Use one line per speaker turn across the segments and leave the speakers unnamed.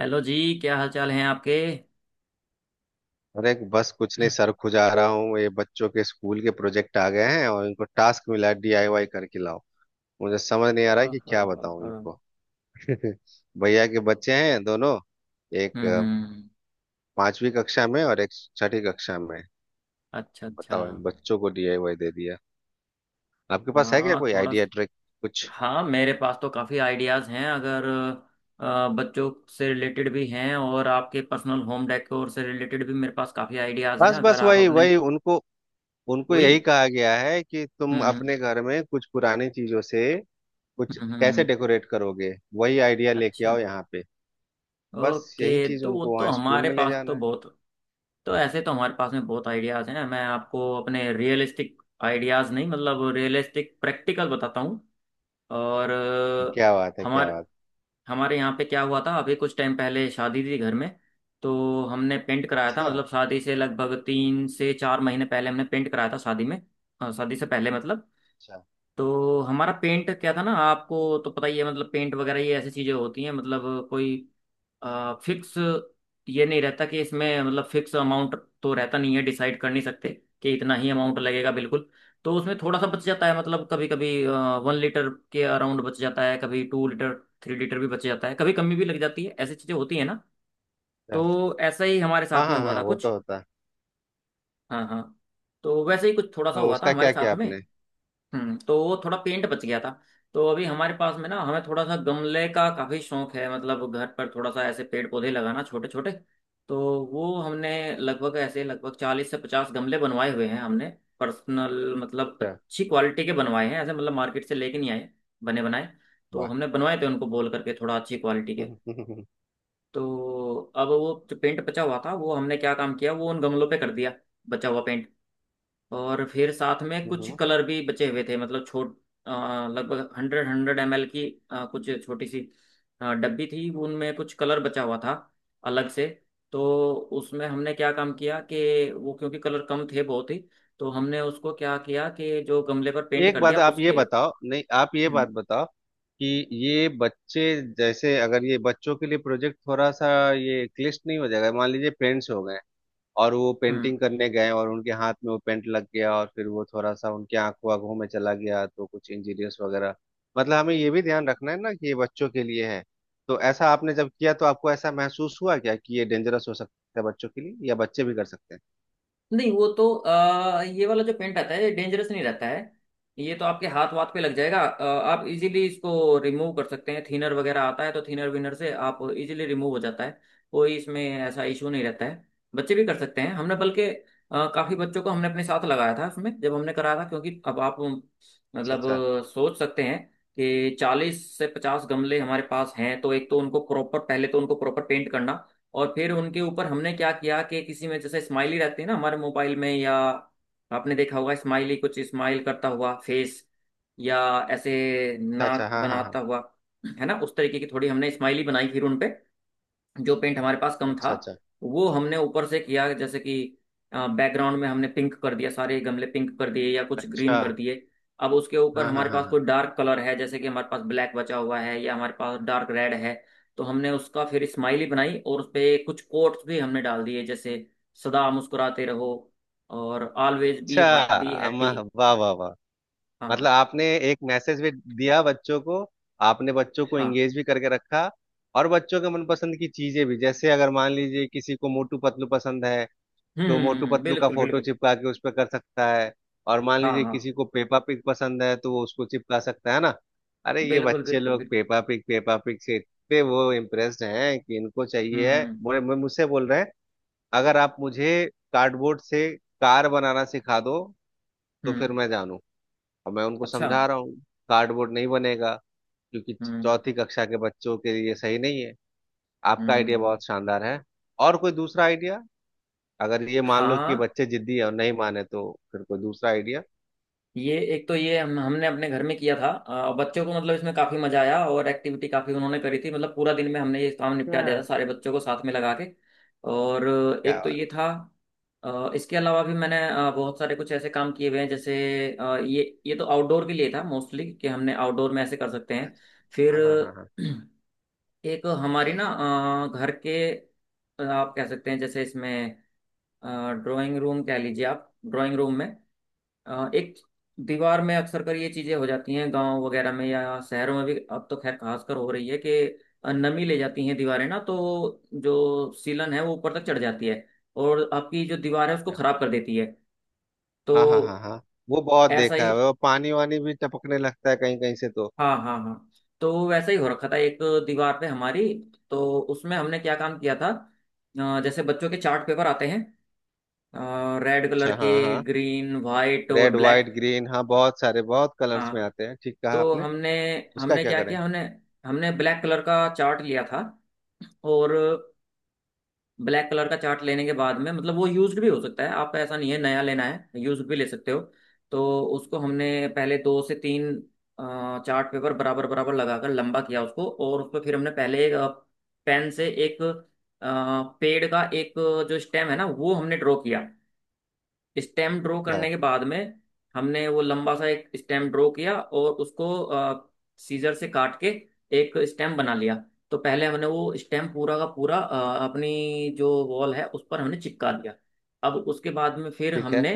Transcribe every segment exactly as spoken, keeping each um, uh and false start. Hello जी। क्या हाल चाल हैं आपके?
अरे बस कुछ नहीं
हाँ,
सर, खुजा रहा हूँ। ये बच्चों के स्कूल के प्रोजेक्ट आ गए हैं और इनको टास्क मिला है, डीआईवाई करके लाओ। मुझे समझ नहीं आ रहा है
हाँ,
कि क्या
हाँ,
बताऊँ
हाँ।
इनको। भैया के बच्चे हैं दोनों। एक अ,
हम्म।
पांचवी कक्षा में और एक छठी कक्षा में।
अच्छा, अच्छा।
बताओ, इन बच्चों को डीआईवाई दे दिया। आपके पास है क्या
हाँ,
कोई
थोड़ा
आइडिया,
स-
ट्रिक, कुछ?
हाँ, मेरे पास तो काफ़ी आइडियाज़ हैं अगर अ, बच्चों से रिलेटेड भी हैं और आपके पर्सनल होम डेकोर से रिलेटेड भी, मेरे पास काफ़ी आइडियाज़ हैं
बस
अगर
बस
आप
वही
अपने।
वही, उनको उनको यही
वही।
कहा गया है कि तुम
हम्म, हम्म,
अपने घर में कुछ पुरानी चीजों से कुछ
हम्म, हम्म,
कैसे
हम्म।
डेकोरेट करोगे। वही आइडिया लेके
अच्छा।
आओ यहाँ पे। बस यही
ओके,
चीज
तो वो
उनको
तो
वहाँ स्कूल
हमारे
में ले
पास तो
जाना है।
बहुत। तो ऐसे तो हमारे पास में बहुत आइडियाज हैं, मैं आपको अपने रियलिस्टिक आइडियाज नहीं मतलब रियलिस्टिक प्रैक्टिकल बताता हूँ। और
क्या बात है, क्या
हमारे
बात।
हमारे यहाँ पे क्या हुआ था, अभी कुछ टाइम पहले शादी थी घर में। तो हमने पेंट कराया
अच्छा
था
अच्छा
मतलब शादी से लगभग तीन से चार महीने पहले हमने पेंट कराया था शादी में। हाँ, शादी से पहले मतलब। तो हमारा पेंट क्या था ना, आपको तो पता ही है मतलब पेंट वगैरह ये ऐसी चीजें होती हैं, मतलब कोई फिक्स ये नहीं रहता कि इसमें मतलब फिक्स अमाउंट तो रहता नहीं है, डिसाइड कर नहीं सकते कि इतना ही अमाउंट लगेगा बिल्कुल। तो उसमें थोड़ा सा बच जाता है मतलब कभी कभी वन लीटर के अराउंड बच जाता है, कभी टू लीटर थ्री लीटर भी बच जाता है, कभी कमी भी लग जाती है, ऐसी चीज़ें होती है ना।
अच्छा।
तो ऐसा ही हमारे
हाँ
साथ में
हाँ
हुआ
हाँ,
था
वो तो
कुछ।
होता है।
हाँ, हाँ। तो वैसे ही कुछ थोड़ा सा
हाँ,
हुआ था
उसका
हमारे
क्या किया
साथ में।
आपने?
हम्म तो वो थोड़ा पेंट बच गया था। तो अभी हमारे पास में ना, हमें थोड़ा सा गमले का काफी शौक है, मतलब घर पर थोड़ा सा ऐसे पेड़ पौधे लगाना छोटे छोटे। तो वो हमने लगभग, ऐसे लगभग चालीस से पचास गमले बनवाए हुए हैं हमने। पर्सनल मतलब
अच्छा।
अच्छी क्वालिटी के बनवाए हैं, ऐसे मतलब मार्केट से लेके नहीं आए बने बनाए। तो
वाह।
हमने बनवाए थे उनको बोल करके, थोड़ा अच्छी क्वालिटी के।
हम्म।
तो अब वो जो पेंट बचा हुआ था, वो हमने क्या काम किया, वो उन गमलों पे कर दिया, बचा हुआ पेंट। और फिर साथ में कुछ
हम्म।
कलर भी बचे हुए थे, मतलब छोट अ, लगभग हंड्रेड हंड्रेड एम एल की अ, कुछ छोटी सी अ, डब्बी थी, उनमें कुछ कलर बचा हुआ था अलग से। तो उसमें हमने क्या काम किया कि वो, क्योंकि कलर कम थे बहुत ही, तो हमने उसको क्या किया कि जो गमले पर पेंट
एक
कर दिया
बात आप ये
उसके
बताओ, नहीं आप ये बात बताओ कि ये बच्चे, जैसे अगर ये बच्चों के लिए प्रोजेक्ट थोड़ा सा ये क्लिष्ट नहीं हो जाएगा? मान लीजिए पेरेंट्स हो गए और वो
हम्म।
पेंटिंग करने गए और उनके हाथ में वो पेंट लग गया और फिर वो थोड़ा सा उनके आंखों आंखों में चला गया तो कुछ इंजीरियस वगैरह। मतलब हमें ये भी ध्यान रखना है ना कि ये बच्चों के लिए है। तो ऐसा आपने जब किया तो आपको ऐसा महसूस हुआ क्या कि ये डेंजरस हो सकता है बच्चों के लिए, या बच्चे भी कर सकते हैं?
नहीं, वो तो आ, ये वाला जो पेंट आता है ये डेंजरस नहीं रहता है। ये तो आपके हाथ वाथ पे लग जाएगा, अ, आप इजीली इसको रिमूव कर सकते हैं, थिनर वगैरह आता है तो थिनर विनर से आप इजीली रिमूव हो जाता है। कोई इसमें ऐसा इशू नहीं रहता है। बच्चे भी कर सकते हैं, हमने बल्कि अ, काफी बच्चों को हमने अपने साथ लगाया था उसमें, जब हमने कराया था, क्योंकि अब आप मतलब
अच्छा
अ, सोच सकते हैं कि चालीस से पचास गमले हमारे पास हैं तो एक तो उनको प्रॉपर, पहले तो उनको प्रॉपर पेंट करना। और फिर उनके ऊपर हमने क्या किया कि किसी में जैसे स्माइली रहती है ना हमारे मोबाइल में, या आपने देखा होगा, स्माइली कुछ स्माइल करता हुआ फेस, या ऐसे
अच्छा अच्छा अच्छा,
नाक
हाँ हाँ हाँ।
बनाता हुआ, है ना, उस तरीके की थोड़ी हमने स्माइली बनाई फिर उनपे। जो पेंट हमारे पास कम था,
अच्छा अच्छा
वो हमने ऊपर से किया, जैसे कि बैकग्राउंड में हमने पिंक कर दिया, सारे गमले पिंक कर दिए या कुछ
अच्छा
ग्रीन कर
अच्छा,
दिए। अब उसके ऊपर
हाँ हाँ
हमारे
हाँ
पास
हाँ।
कोई डार्क कलर है, जैसे कि हमारे पास ब्लैक बचा हुआ है या हमारे पास डार्क रेड है, तो हमने उसका फिर स्माइली बनाई और उस पे कुछ कोट्स भी हमने डाल दिए जैसे सदा मुस्कुराते रहो और ऑलवेज बी
अच्छा।
Be happy.
अम्मा, वाह वाह वाह। मतलब
हाँ
आपने एक मैसेज भी दिया बच्चों को। आपने बच्चों को
हाँ।
एंगेज भी करके रखा और बच्चों के मनपसंद की चीजें भी, जैसे अगर मान लीजिए किसी को मोटू पतलू पसंद है तो मोटू
हम्म,
पतलू का
बिल्कुल
फोटो
बिल्कुल।
चिपका के उस पर कर सकता है और मान
हाँ,
लीजिए
हाँ।
किसी को पेपा पिग पसंद है तो वो उसको चिपका सकता है ना। अरे ये
बिल्कुल,
बच्चे
बिल्कुल,
लोग
बिल्कुल।
पेपा पिग पेपा पिग से इतने वो इम्प्रेस्ड हैं कि इनको चाहिए है,
हम्म,
बोले मैं- मुझसे बोल रहे हैं, अगर आप मुझे कार्डबोर्ड से कार बनाना सिखा दो तो
हम्म।
फिर मैं जानूंगा। और मैं उनको
अच्छा।
समझा रहा हूँ कार्डबोर्ड नहीं बनेगा क्योंकि
हम्म,
चौथी कक्षा के बच्चों के लिए सही नहीं है। आपका आइडिया
हम्म,
बहुत शानदार है। और कोई दूसरा आइडिया? अगर ये मान लो कि ये
हाँ।
बच्चे जिद्दी है और नहीं माने तो फिर कोई दूसरा आइडिया?
ये एक तो ये हम हमने अपने घर में किया था, अ, बच्चों को मतलब इसमें काफी मजा आया और एक्टिविटी काफी उन्होंने करी थी, मतलब पूरा दिन में हमने ये काम निपटा दिया था,
हाँ,
सारे बच्चों को साथ में लगा के। और
क्या
एक तो
बात
ये था। अ, इसके अलावा भी मैंने अ, बहुत सारे कुछ ऐसे काम किए हुए हैं, जैसे अ, ये ये तो आउटडोर के लिए था मोस्टली, कि हमने आउटडोर में ऐसे कर सकते
है?
हैं। फिर
हाँ हाँ हाँ हाँ
एक हमारी ना, अ, घर के अ, आप कह सकते हैं जैसे इसमें ड्राइंग रूम कह लीजिए, आप ड्राइंग रूम में अ, एक दीवार में अक्सर कर ये चीजें हो जाती हैं गांव वगैरह में या शहरों में भी, अब तो खैर खासकर हो रही है कि नमी ले जाती हैं दीवारें ना, तो जो सीलन है वो ऊपर तक चढ़ जाती है और आपकी जो दीवार है उसको खराब कर देती है। तो
हाँ हाँ हाँ हाँ, वो बहुत
ऐसा
देखा
ही,
है। वो पानी वानी भी टपकने लगता है कहीं कहीं से तो।
हाँ, हाँ, हाँ, तो वैसा ही हो रखा था एक दीवार पे हमारी। तो उसमें हमने क्या काम किया था, अ, जैसे बच्चों के चार्ट पेपर आते हैं रेड कलर
अच्छा,
के,
हाँ हाँ।
ग्रीन वाइट और
रेड वाइट
ब्लैक।
ग्रीन, हाँ बहुत सारे बहुत कलर्स में
हाँ।
आते हैं, ठीक कहा
तो
आपने।
हमने
उसका
हमने
क्या
क्या
करें?
किया, हमने हमने ब्लैक कलर का चार्ट लिया था। और ब्लैक कलर का चार्ट लेने के बाद में, मतलब वो यूज्ड भी हो सकता है आपका, ऐसा नहीं है नया लेना है, यूज्ड भी ले सकते हो। तो उसको हमने पहले दो से तीन अ, चार्ट पेपर बराबर बराबर लगाकर लंबा किया उसको, और उस पर फिर हमने पहले एक अ, पेन से एक अ, पेड़ का एक जो स्टेम है ना वो हमने ड्रॉ किया। स्टेम ड्रॉ करने
हाँ
के बाद में हमने वो लंबा सा एक स्टेम ड्रॉ किया और उसको सीजर से काट के एक स्टेम बना लिया। तो पहले हमने वो स्टेम पूरा का पूरा अ, अपनी जो वॉल है उस पर हमने चिपका दिया। अब उसके बाद में फिर
ठीक है।
हमने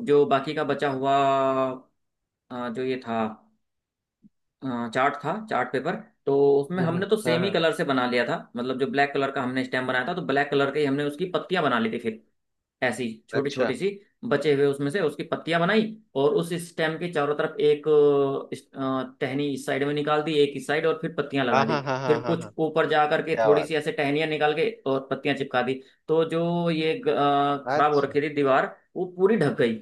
जो बाकी का बचा हुआ अ, जो ये था अ, चार्ट था चार्ट पेपर, तो उसमें
हम्म हम्म,
हमने तो
हाँ
सेम ही
हाँ।
कलर से बना लिया था, मतलब जो ब्लैक कलर का हमने स्टेम बनाया था तो ब्लैक कलर के ही हमने उसकी पत्तियां बना ली थी फिर, ऐसी छोटी छोटी
अच्छा,
सी, बचे हुए उसमें से उसकी पत्तियां बनाई। और उस स्टेम के चारों तरफ एक अ, इस- अ, टहनी इस साइड में निकाल दी, एक इस साइड, और फिर पत्तियां लगा
हाँ
दी।
हाँ हाँ
फिर
हाँ हाँ
कुछ
हाँ।
ऊपर जा करके
क्या
थोड़ी
बात।
सी ऐसे टहनियां निकाल के और पत्तियां चिपका दी। तो जो ये ग- अ, खराब हो
अच्छा।
रखी थी दीवार, वो पूरी ढक गई।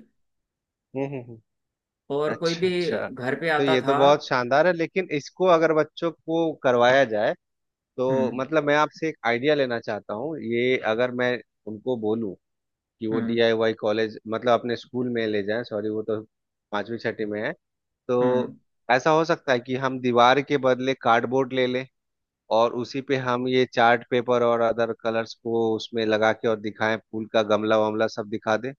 हम्म हम्म हम्म।
और कोई
अच्छा
भी
अच्छा।
घर पे
तो
आता
ये तो
था।
बहुत शानदार है, लेकिन इसको अगर बच्चों को करवाया जाए तो,
हम्म,
मतलब मैं आपसे एक आइडिया लेना चाहता हूँ। ये अगर मैं उनको बोलूँ कि वो
हम्म,
डीआईवाई कॉलेज मतलब अपने स्कूल में ले जाएं, सॉरी वो तो पांचवी छठी में है। तो
हम्म।
ऐसा हो सकता है कि हम दीवार के बदले कार्डबोर्ड ले लें और उसी पे हम ये चार्ट पेपर और अदर कलर्स को उसमें लगा के और दिखाएं, फूल का गमला वमला सब दिखा दें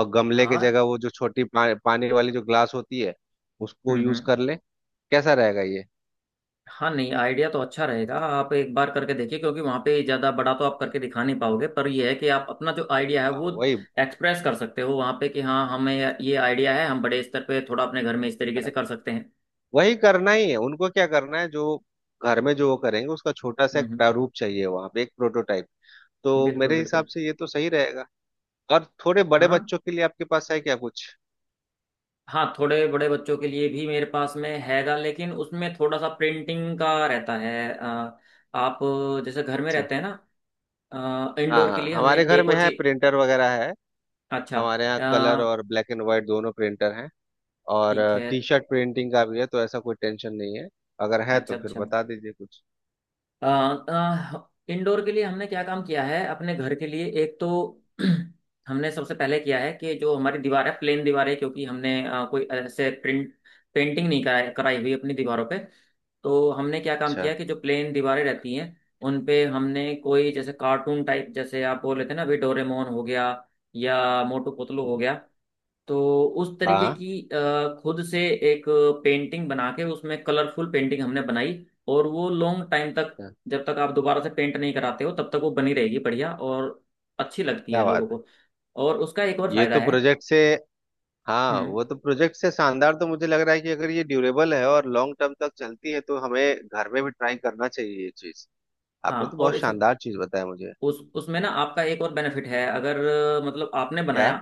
और गमले की
हाँ।
जगह वो जो छोटी पा, पानी वाली जो ग्लास होती है उसको
हम्म,
यूज
हम्म।
कर ले। कैसा रहेगा ये?
हाँ, नहीं, आइडिया तो अच्छा रहेगा, आप एक बार करके देखिए क्योंकि वहाँ पे ज़्यादा बड़ा तो आप करके दिखा नहीं पाओगे, पर यह है कि आप अपना जो आइडिया है
हाँ
वो
वही।
एक्सप्रेस कर सकते हो वहाँ पे कि हाँ, हमें ये आइडिया है, हम बड़े स्तर पे थोड़ा अपने घर में इस तरीके से कर सकते हैं।
वही करना ही है उनको, क्या करना है, जो घर में जो वो करेंगे उसका छोटा सा एक
हम्म,
प्रारूप चाहिए वहां पे, एक प्रोटोटाइप। तो
बिल्कुल
मेरे हिसाब
बिल्कुल।
से ये तो सही रहेगा। और थोड़े बड़े
हाँ,
बच्चों के लिए आपके पास है क्या कुछ?
हाँ, थोड़े बड़े बच्चों के लिए भी मेरे पास में हैगा, लेकिन उसमें थोड़ा सा प्रिंटिंग का रहता है, अ, आप जैसे घर में
अच्छा,
रहते हैं ना,
हाँ
इंडोर के
हाँ,
लिए हमने
हमारे घर
एक
में
और
है,
चीज।
प्रिंटर वगैरह है।
अच्छा।
हमारे यहाँ
अ,
कलर और ब्लैक एंड व्हाइट दोनों प्रिंटर हैं और
ठीक है।
टी शर्ट प्रिंटिंग का भी है तो ऐसा कोई टेंशन नहीं है। अगर है
अच्छा,
तो फिर
अच्छा।
बता दीजिए कुछ।
अ, अ, इंडोर के लिए हमने क्या काम किया है अपने घर के लिए, एक तो हमने सबसे पहले किया है कि जो हमारी दीवार है प्लेन दीवार है, क्योंकि हमने अ, कोई ऐसे प्रिंट पेंटिंग नहीं कराई, कराई हुई अपनी दीवारों पे। तो हमने क्या काम
अच्छा
किया कि जो प्लेन दीवारें रहती हैं उन पे हमने कोई जैसे कार्टून टाइप, जैसे आप बोल रहे थे ना अभी, डोरेमोन हो गया या मोटू पतलू हो
हाँ
गया, तो उस तरीके
हाँ,
की अ, खुद से एक पेंटिंग बना के उसमें कलरफुल पेंटिंग हमने बनाई। और वो लॉन्ग टाइम तक, जब तक आप दोबारा से पेंट नहीं कराते हो तब तक वो बनी रहेगी, बढ़िया और अच्छी लगती है
क्या
लोगों
बात है।
को। और उसका एक और
ये
फायदा
तो
है।
प्रोजेक्ट से, हाँ
हम्म।
वो तो प्रोजेक्ट से शानदार तो मुझे लग रहा है कि अगर ये ड्यूरेबल है और लॉन्ग टर्म तक चलती है तो हमें घर में भी ट्राई करना चाहिए ये चीज।
हाँ,
आपने तो
और
बहुत
इस
शानदार चीज बताया मुझे।
उस उसमें ना आपका एक और बेनिफिट है अगर, अ, मतलब आपने
क्या?
बनाया,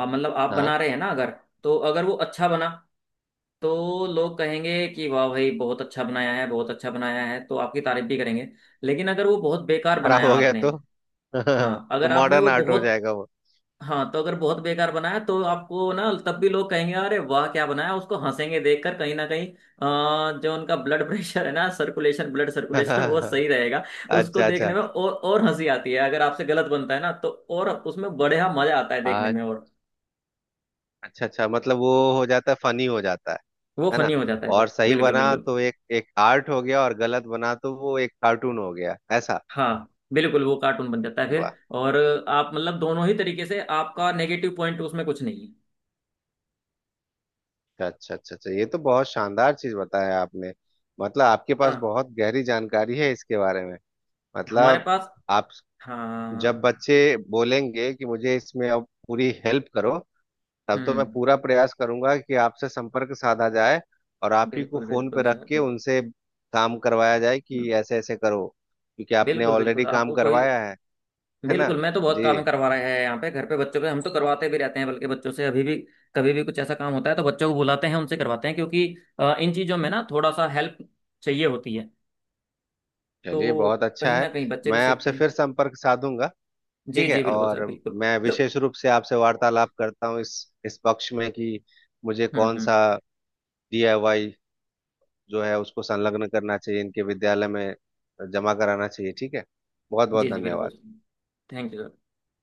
आप मतलब आप बना
हाँ,
रहे हैं ना, अगर तो अगर वो अच्छा बना तो लोग कहेंगे कि वाह भाई बहुत अच्छा बनाया है बहुत अच्छा बनाया है, तो आपकी तारीफ भी करेंगे। लेकिन अगर वो बहुत बेकार
खराब
बनाया
हो गया
आपने,
तो
हाँ
तो
अगर आपने
मॉडर्न
वो
आर्ट हो
बहुत,
जाएगा वो।
हाँ तो अगर बहुत बेकार बनाया तो आपको ना तब भी लोग कहेंगे अरे वाह क्या बनाया, उसको हंसेंगे देखकर, कहीं ना कहीं अ, जो उनका ब्लड प्रेशर है ना सर्कुलेशन, ब्लड सर्कुलेशन वो सही रहेगा। उसको
अच्छा
देखने
अच्छा।
में, और और हंसी आती है अगर आपसे गलत बनता है ना, तो और उसमें बढ़िया मजा आता है देखने
आ-
में और,
अच्छा अच्छा, मतलब वो हो जाता है, फनी हो जाता है।
वो
है ना?
फनी हो जाता है
और
फिर,
सही
बिल्कुल
बना
बिल्कुल।
तो एक एक आर्ट हो गया और गलत बना तो वो एक कार्टून हो गया, ऐसा।
हाँ, बिल्कुल वो कार्टून बन जाता है फिर।
वाह।
और आप मतलब दोनों ही तरीके से आपका नेगेटिव पॉइंट उसमें कुछ नहीं है।
अच्छा अच्छा अच्छा, ये तो बहुत शानदार चीज बताया आपने। मतलब आपके पास
हाँ,
बहुत गहरी जानकारी है इसके बारे में।
हमारे
मतलब
पास।
आप, जब
हाँ।
बच्चे बोलेंगे कि मुझे इसमें अब पूरी हेल्प करो तब तो मैं
हम्म,
पूरा प्रयास करूंगा कि आपसे संपर्क साधा जाए और आप ही को
बिल्कुल
फोन पे
बिल्कुल
रख
सर
के
बिल्कुल।
उनसे काम करवाया जाए कि
हम्म,
ऐसे ऐसे करो, क्योंकि आपने
बिल्कुल
ऑलरेडी
बिल्कुल,
काम
आपको कोई
करवाया है। है ना
बिल्कुल, मैं तो बहुत
जी?
काम करवा रहे हैं यहाँ पे घर पे बच्चों पे, हम तो करवाते भी रहते हैं बल्कि बच्चों से, अभी भी कभी भी कुछ ऐसा काम होता है तो बच्चों को बुलाते हैं, उनसे करवाते हैं, क्योंकि अ, इन चीज़ों में ना थोड़ा सा हेल्प चाहिए होती है।
चलिए
तो
बहुत अच्छा
कहीं
है।
ना कहीं बच्चे भी
मैं
सीखते
आपसे
हैं।
फिर संपर्क साधूंगा,
जी
ठीक है।
जी बिल्कुल सर
और
बिल्कुल।
मैं विशेष रूप से आपसे वार्तालाप करता हूँ इस इस पक्ष में कि मुझे
हम्म,
कौन
हम्म।
सा डीआईवाई जो है उसको संलग्न करना चाहिए, इनके विद्यालय में जमा कराना चाहिए, ठीक है। बहुत बहुत
जी जी
धन्यवाद।
बिल्कुल। Thank you.